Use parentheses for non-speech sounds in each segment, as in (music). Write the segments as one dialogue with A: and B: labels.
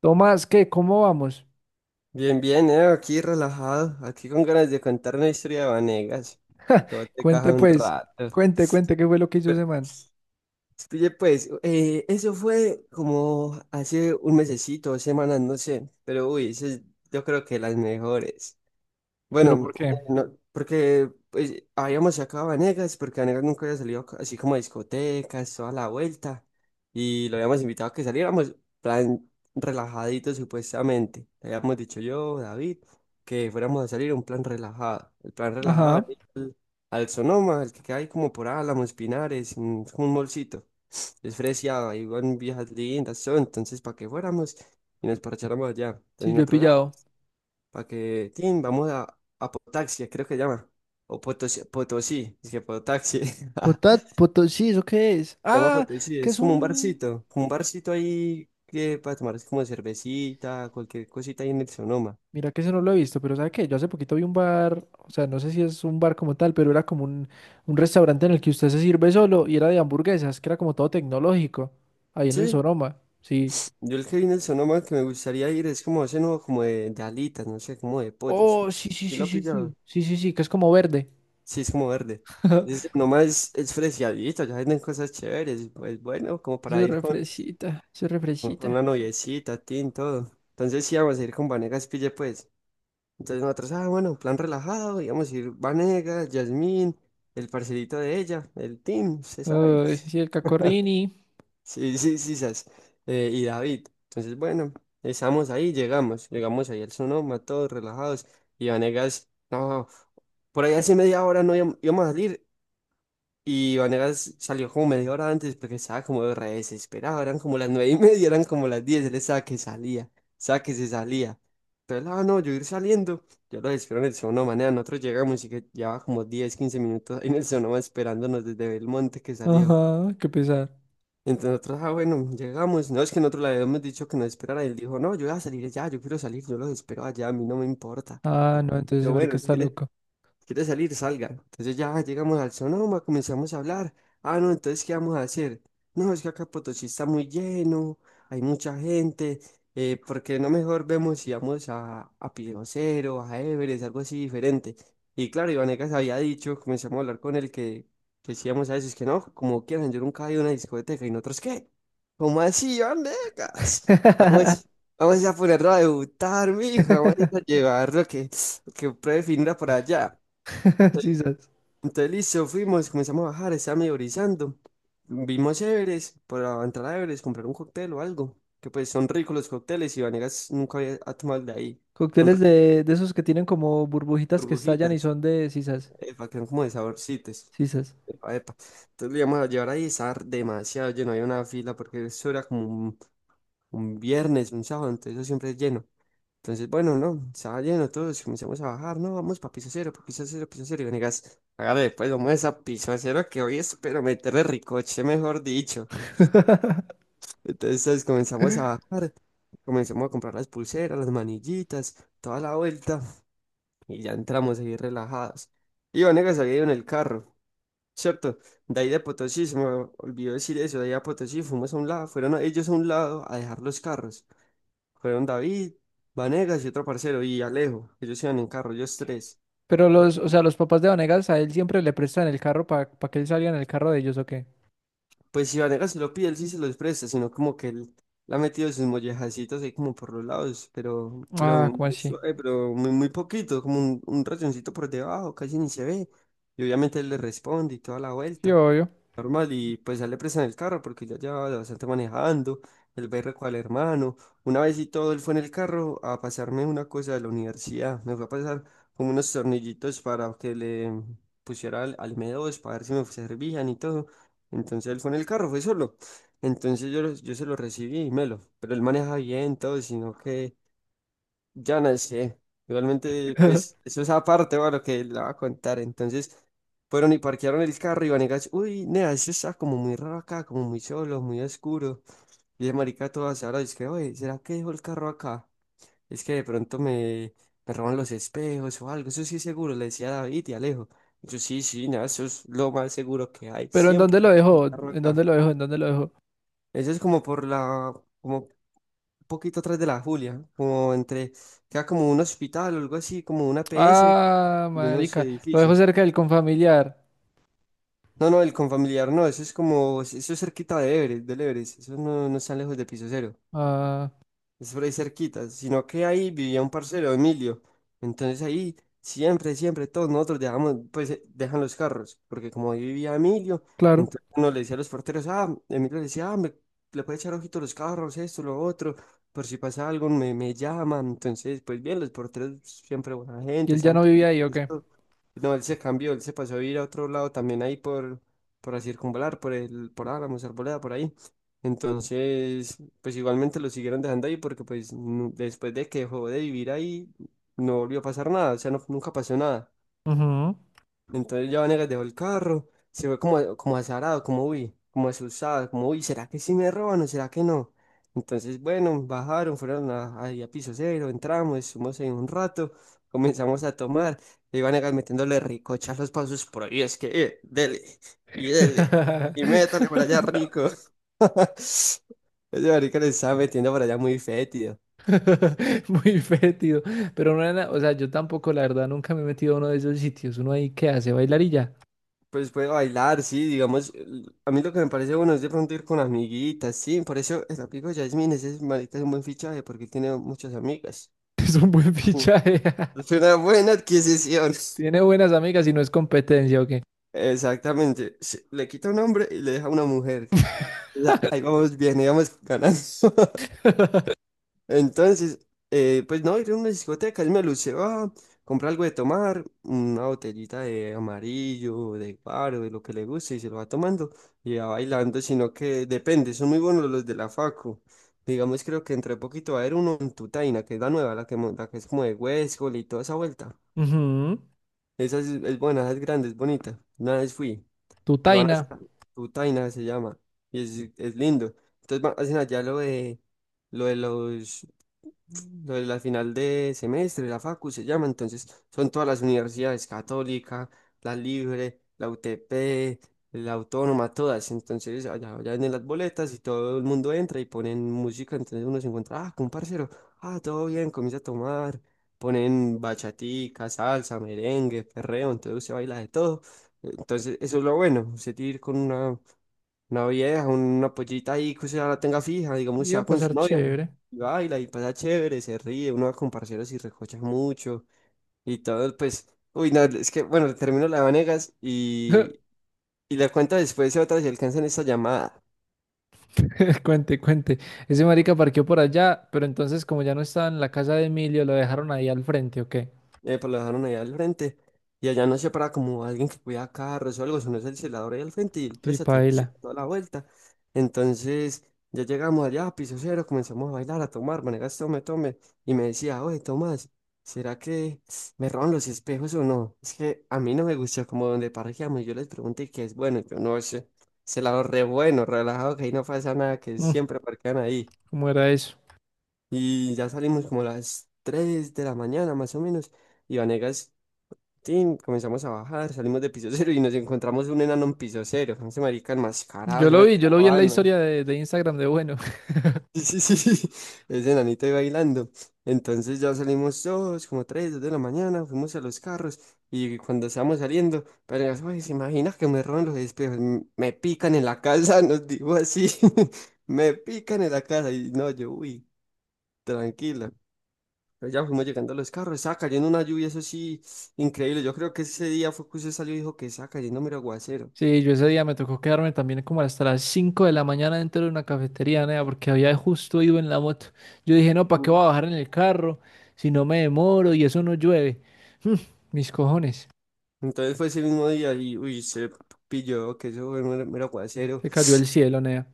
A: Tomás, ¿qué? ¿Cómo vamos?
B: Bien, bien, aquí relajado, aquí con ganas de contar una historia de Vanegas, para que vos te
A: Cuente
B: cajas un
A: pues,
B: rato.
A: cuente, cuente qué fue lo que hizo
B: Pero,
A: ese man.
B: oye, pues, eso fue como hace un mesecito, dos semanas, no sé, pero uy, eso es, yo creo que las mejores.
A: ¿Pero
B: Bueno,
A: por qué?
B: no, porque pues, habíamos sacado a Vanegas, porque Vanegas nunca había salido así como a discotecas, toda la vuelta, y lo habíamos invitado a que saliéramos, plan relajadito supuestamente. Le habíamos dicho yo, David, que fuéramos a salir un plan relajado. El plan relajado es
A: Ajá,
B: ir al Sonoma, el que queda ahí como por Álamos, Pinares, es como un molcito. Es fresiado, ahí van viejas lindas, son, entonces para que fuéramos y nos parcháramos allá.
A: sí,
B: Entonces
A: yo he
B: nosotros,
A: pillado.
B: para que, tin, vamos a Potaxi, creo que llama. O Potosí, Potosí, es que Potaxi. (laughs)
A: Potat, poto, sí, ¿eso qué es?
B: Llama
A: Ah,
B: Potosí,
A: que es
B: es
A: un...
B: como un barcito ahí que para tomar es como cervecita, cualquier cosita ahí en el Sonoma.
A: Mira que ese no lo he visto, pero ¿sabe qué? Yo hace poquito vi un bar, o sea, no sé si es un bar como tal, pero era como un restaurante en el que usted se sirve solo y era de hamburguesas, que era como todo tecnológico, ahí en el
B: Sí,
A: Soroma, sí.
B: yo el que vi en el Sonoma que me gustaría ir es como ese nuevo, como de alitas, no sé, como de pollos.
A: Oh, sí, sí,
B: Sí,
A: sí,
B: lo
A: sí, sí,
B: pillaba.
A: sí, sí, sí, que es como verde.
B: Sí, es como verde.
A: (laughs)
B: Es, nomás es fresiadito, ya venden cosas chéveres, pues bueno, como
A: Eso
B: para
A: es
B: ir con
A: refresita, eso es
B: una
A: refresita.
B: noviecita, tin, todo. Entonces sí vamos a ir con Vanegas Pille, pues. Entonces nosotros, ah, bueno, plan relajado, íbamos a ir Vanegas, Yasmín, el parcerito de ella, el Tim, se sabe.
A: Uy, sí, el Cacorrini.
B: Sí, sí, sí, sas. Y David. Entonces, bueno, estamos ahí, llegamos, llegamos ahí al Sonoma, todos relajados. Y Vanegas, no, por ahí hace media hora no íbamos a salir y Vanegas salió como media hora antes porque estaba como re desesperado. Eran como las nueve y (laughs) media, eran como las diez. Él estaba que salía, estaba que se salía. Entonces, ah, no, yo ir saliendo. Yo lo espero en el Sonoma. Manea, nosotros llegamos y que llevaba como 10 15 minutos ahí en el Sonoma esperándonos desde Belmonte que salió.
A: Ajá, qué pesar.
B: Entonces nosotros, ah, bueno, llegamos. No, es que nosotros le habíamos dicho que nos esperara. Él dijo, no, yo voy a salir ya, yo quiero salir, yo los espero allá, a mí no me importa.
A: Ah, no, entonces ese
B: Yo,
A: marica
B: bueno, si
A: está
B: quieres,
A: loco.
B: quiere salir, salga. Entonces ya llegamos al Sonoma, comenzamos a hablar. Ah, no, entonces, ¿qué vamos a hacer? No, es que acá Potosí está muy lleno, hay mucha gente. ¿Por qué no mejor vemos si vamos a Cero, a Everest, algo así diferente? Y claro, Ivanegas había dicho, comenzamos a hablar con él que sí íbamos a eso, es que no, como quieran, yo nunca he ido a una discoteca y nosotros, ¿qué? ¿Cómo así, Ivanegas? Vamos,
A: (laughs)
B: vamos a ponerlo a debutar, mijo, vamos a llevarlo que pruebe finra por allá.
A: Sisas.
B: Entonces, listo, fuimos, comenzamos a bajar, estaba medio brisando. Vimos Everest, para entrar a Everest, comprar un cóctel o algo, que pues son ricos los cócteles y Vanegas nunca había ha tomado el de ahí. Son
A: Cócteles
B: ricas
A: de esos que tienen como burbujitas que estallan y
B: burbujitas,
A: son de sisas.
B: epa, que son como de saborcitos.
A: Sisas.
B: Epa, epa. Entonces lo íbamos a llevar ahí, estaba demasiado lleno, había una fila porque eso era como un viernes, un sábado, entonces eso siempre es lleno. Entonces, bueno, no, estaba lleno todos, comenzamos a bajar, no, vamos para piso cero, y Venegas, hágale, pues vamos a esa piso cero que hoy espero meterle ricoche, mejor dicho.
A: (laughs)
B: Entonces comenzamos a bajar, comenzamos a comprar las pulseras, las manillitas, toda la vuelta, y ya entramos ahí relajados. Y Venegas había ido en el carro, ¿cierto? De ahí de Potosí, se me olvidó decir eso, de ahí a Potosí fuimos a un lado, fueron ellos a un lado a dejar los carros. Fueron David, Vanegas y otro parcero, y Alejo, ellos iban en carro, ellos tres.
A: Pero los, o sea, los papás de Vanegas a él siempre le prestan el carro para que él salga en el carro de ellos, ¿o qué?
B: Pues si Vanegas se lo pide, él sí se los presta, sino como que él la ha metido sus mollejacitos ahí como por los lados, pero,
A: Ah,
B: muy
A: ¿cómo así?
B: suave, pero muy, muy poquito, como un rayoncito por debajo, casi ni se ve. Y obviamente él le responde y toda la
A: Sí,
B: vuelta.
A: obvio.
B: Normal y pues ya le prestan el carro porque ya llevaba bastante manejando, el berre con el hermano. Una vez y todo, él fue en el carro a pasarme una cosa de la universidad, me fue a pasar como unos tornillitos para que le pusiera al M2 para ver si me servían y todo. Entonces él fue en el carro, fue solo. Entonces yo, yo se lo recibí y me lo, pero él maneja bien todo, sino que ya no sé, igualmente pues
A: (laughs)
B: eso es aparte, va, lo que le va a contar. Entonces, fueron y parquearon el carro y Vanegas, uy, nea, eso está como muy raro acá, como muy solo, muy oscuro. Y el marica todo ahora es que, oye, ¿será que dejó el carro acá? Es que de pronto me roban los espejos o algo, eso sí es seguro, le decía a David y Alejo. Y yo sí, sí, nada, eso es lo más seguro que hay,
A: Pero ¿en dónde
B: siempre (laughs)
A: lo
B: hay un
A: dejó?
B: carro
A: ¿En dónde
B: acá.
A: lo dejó? ¿En dónde lo dejó?
B: Eso es como por como un poquito atrás de la Julia, como entre, queda como un hospital o algo así, como una PS
A: Ah,
B: y unos
A: marica. Lo dejó
B: edificios.
A: cerca del confamiliar.
B: No, no, el confamiliar no, eso es como, eso es cerquita de Everest, del Everest, eso no, no está lejos de piso cero.
A: Ah,
B: Es por ahí cerquita, sino que ahí vivía un parcero, Emilio. Entonces ahí siempre todos nosotros dejamos, pues dejan los carros, porque como ahí vivía Emilio,
A: claro.
B: entonces uno le decía a los porteros, ah, Emilio le decía, ah, me, le puede echar ojito a los carros, esto, lo otro, por si pasa algo me llaman. Entonces, pues bien, los porteros siempre buena
A: ¿Y
B: gente,
A: él ya
B: están
A: no vivía ahí, ¿o
B: pendientes,
A: qué?
B: todo. No, él se cambió, él se pasó a vivir a otro lado también ahí por la circunvalar, por el, por Álamos, Arboleda, por ahí. Entonces, pues igualmente lo siguieron dejando ahí porque pues después de que dejó de vivir ahí, no volvió a pasar nada, o sea, nunca pasó nada.
A: Ujú.
B: Entonces ya Vanegas dejó el carro, se fue como, como azarado, como uy, como asustado, como uy, ¿será que sí me roban o será que no? Entonces, bueno, bajaron, fueron a, ahí a piso cero, entramos, estuvimos ahí un rato, comenzamos a tomar, y Vanegas metiéndole ricochas los pasos por ahí, es que, dele, y dele, y métale por
A: (laughs)
B: allá rico. (laughs) Ese marica le estaba metiendo por allá muy fétido.
A: Muy fétido. Pero no era, o sea, yo tampoco, la verdad, nunca me he metido a uno de esos sitios. Uno ahí que hace bailar y ya. (laughs)
B: Pues puede bailar, sí, digamos, a mí lo que me parece bueno es de pronto ir con amiguitas, sí, por eso el amigo Yasmin, ese marica es un buen fichaje porque tiene muchas amigas.
A: Es un buen
B: Mm,
A: fichaje. (laughs)
B: es una buena adquisición.
A: Tiene buenas amigas y no es competencia, ¿o qué?
B: Exactamente, le quita un hombre y le deja una mujer. O sea, ahí vamos bien, ahí vamos ganando.
A: (laughs)
B: Entonces, pues no, ir a una discoteca, él me lució, ah, compra algo de tomar, una botellita de amarillo, de guaro, de lo que le guste, y se lo va tomando y va bailando, sino que depende, son muy buenos los de la Facu. Digamos, creo que entre poquito va a haber uno en Tutaina, que es la nueva, la que es como de Huescol y toda esa vuelta.
A: Ujú.
B: Esa es buena, esa es grande, es bonita. Una vez fui,
A: Tu
B: lo van a
A: Taina.
B: hacer, Tutaina se llama, y es lindo. Entonces hacen allá lo de los lo de la final de semestre, la Facu se llama, entonces son todas las universidades, Católica, la Libre, la UTP, la Autónoma, todas. Entonces allá, allá vienen las boletas y todo el mundo entra y ponen música, entonces uno se encuentra, ah, con un parcero, ah, todo bien, comienza a tomar, ponen bachatica, salsa, merengue, perreo, entonces se baila de todo. Entonces eso es lo bueno, se tiene que ir con una vieja, una pollita ahí que usted ya la tenga fija, digamos,
A: Iba a
B: sea con su
A: pasar
B: novia.
A: chévere.
B: Y baila y pasa chévere, se ríe, uno va con parceros y recocha mucho. Y todo, pues, uy, no, es que, bueno, termino la de Vanegas
A: (laughs)
B: y la cuento después si otra si alcanzan esta llamada.
A: Cuente, cuente. Ese marica parqueó por allá, pero entonces, como ya no estaba en la casa de Emilio, lo dejaron ahí al frente, ¿o qué?
B: Pues lo dejaron allá al frente. Y allá no se para como alguien que cuida carros o algo, si no es el celador ahí al frente y él
A: Sí,
B: presta atención
A: paila.
B: toda la vuelta. Entonces ya llegamos allá a piso cero, comenzamos a bailar, a tomar, maneras tome, tome. Y me decía, oye, Tomás, ¿será que me roban los espejos o no? Es que a mí no me gusta como donde parqueamos. Yo les pregunté qué es bueno, yo no sé. Celador re bueno, relajado, que ahí no pasa nada, que
A: Mm,
B: siempre parquean ahí.
A: ¿cómo era eso?
B: Y ya salimos como a las 3 de la mañana más o menos. Y Vanegas Tin, comenzamos a bajar, salimos de piso cero y nos encontramos un enano en piso cero. Ese marica enmascarado, ese marica
A: Yo lo
B: era
A: vi en la
B: Batman.
A: historia
B: (laughs)
A: de Instagram de bueno.
B: Sí, sí, sí, sí, ese enanito ahí bailando. Entonces ya salimos todos, como tres, dos de la mañana, fuimos a los carros y cuando estábamos saliendo, pero "Ay, se imagina que me roban los espejos, me pican en la casa, (laughs) nos dijo así, (laughs) me pican en la casa y no, yo, uy, tranquila. Pero ya fuimos llegando a los carros, estaba cayendo una lluvia, eso sí, increíble. Yo creo que ese día fue que usted salió y dijo que estaba cayendo mero aguacero.
A: Sí, yo ese día me tocó quedarme también como hasta las 5 de la mañana dentro de una cafetería, nea, porque había justo ido en la moto. Yo dije, no, ¿para qué
B: Mm.
A: voy a bajar en el carro si no me demoro y eso no llueve? Mm, mis cojones.
B: Entonces fue ese mismo día y uy, se pilló que eso fue mero, mero aguacero.
A: Se cayó el cielo, nea.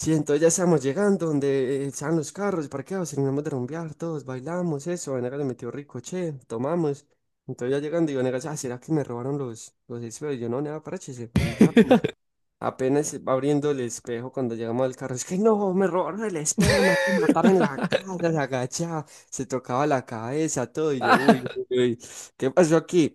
B: Sí, entonces ya estábamos llegando donde estaban los carros parqueados, terminamos de rumbear todos, bailamos, eso. Vanega le metió rico, che, tomamos. Entonces ya llegando y Vanega, ah, ¿será que me robaron los espejuelos? Yo no, nada, parche, ahí ya.
A: (laughs)
B: Apenas abriendo el espejo cuando llegamos al carro, es que no, me robaron el espejo, me van a matar en la casa, la gacha, se tocaba la cabeza, todo, y yo, uy, uy, uy, ¿qué pasó aquí?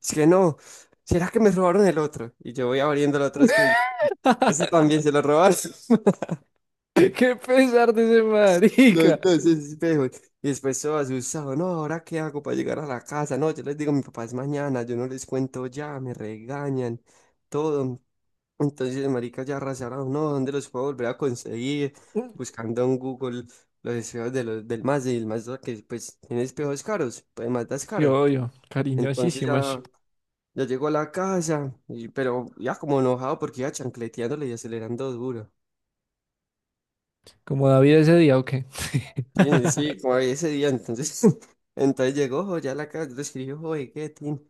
B: Es que no, ¿será que me robaron el otro? Y yo voy abriendo el otro espejo, y yo, ese también se lo robaron, (laughs)
A: Qué pesar de ese marica.
B: los dos espejos, y después todo asustado, no, ¿ahora qué hago para llegar a la casa? No, yo les digo, mi papá es mañana, yo no les cuento ya, me regañan, todo. Entonces, marica, ya arrasaron, no, ¿dónde los puedo volver a conseguir? Buscando en Google los espejos de del Mazda y el Mazda que pues tiene espejos caros, pues Mazda es caro.
A: Yo,
B: Entonces ya,
A: cariñosísimas.
B: ya llegó a la casa, y, pero ya como enojado porque iba chancleteándole y acelerando duro.
A: Como David ese día, ¿o qué? (laughs)
B: Sí, sí, como ese día, entonces, (laughs) entonces llegó jo, ya a la casa, yo le escribí, oye, ¿qué, tin?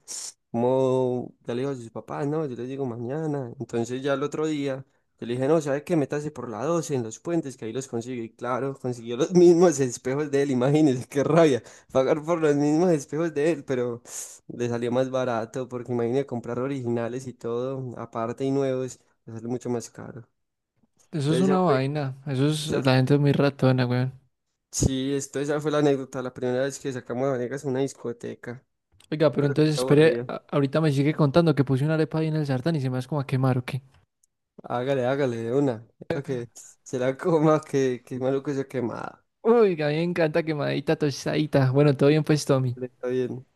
B: Como, ya le digo a sus papás, no, yo les digo mañana, entonces ya el otro día, yo le dije, no, ¿sabes qué? Métase por la 12 en los puentes, que ahí los consigue, y claro, consiguió los (laughs) mismos espejos de él, imagínense, qué rabia, pagar por los mismos espejos de él, pero (sniffs) le salió más barato, porque imagínate comprar originales y todo, aparte y nuevos, le sale mucho más caro,
A: Eso es
B: entonces
A: una
B: ya fue.
A: vaina. Eso es, la gente es muy ratona.
B: Sí, esto, esa fue la anécdota, la primera vez que sacamos a Vanegas a una discoteca.
A: Oiga,
B: Yo
A: pero
B: creo que
A: entonces
B: está
A: espere,
B: aburrido.
A: ahorita me sigue contando que puse una arepa ahí en el sartén y se me hace como a quemar, ¿o qué?
B: Hágale, hágale, de una. Para que se la coma, que es malo que se quemada.
A: Uy, a mí me encanta quemadita, tostadita. Bueno, todo bien pues, Tommy.
B: Está bien.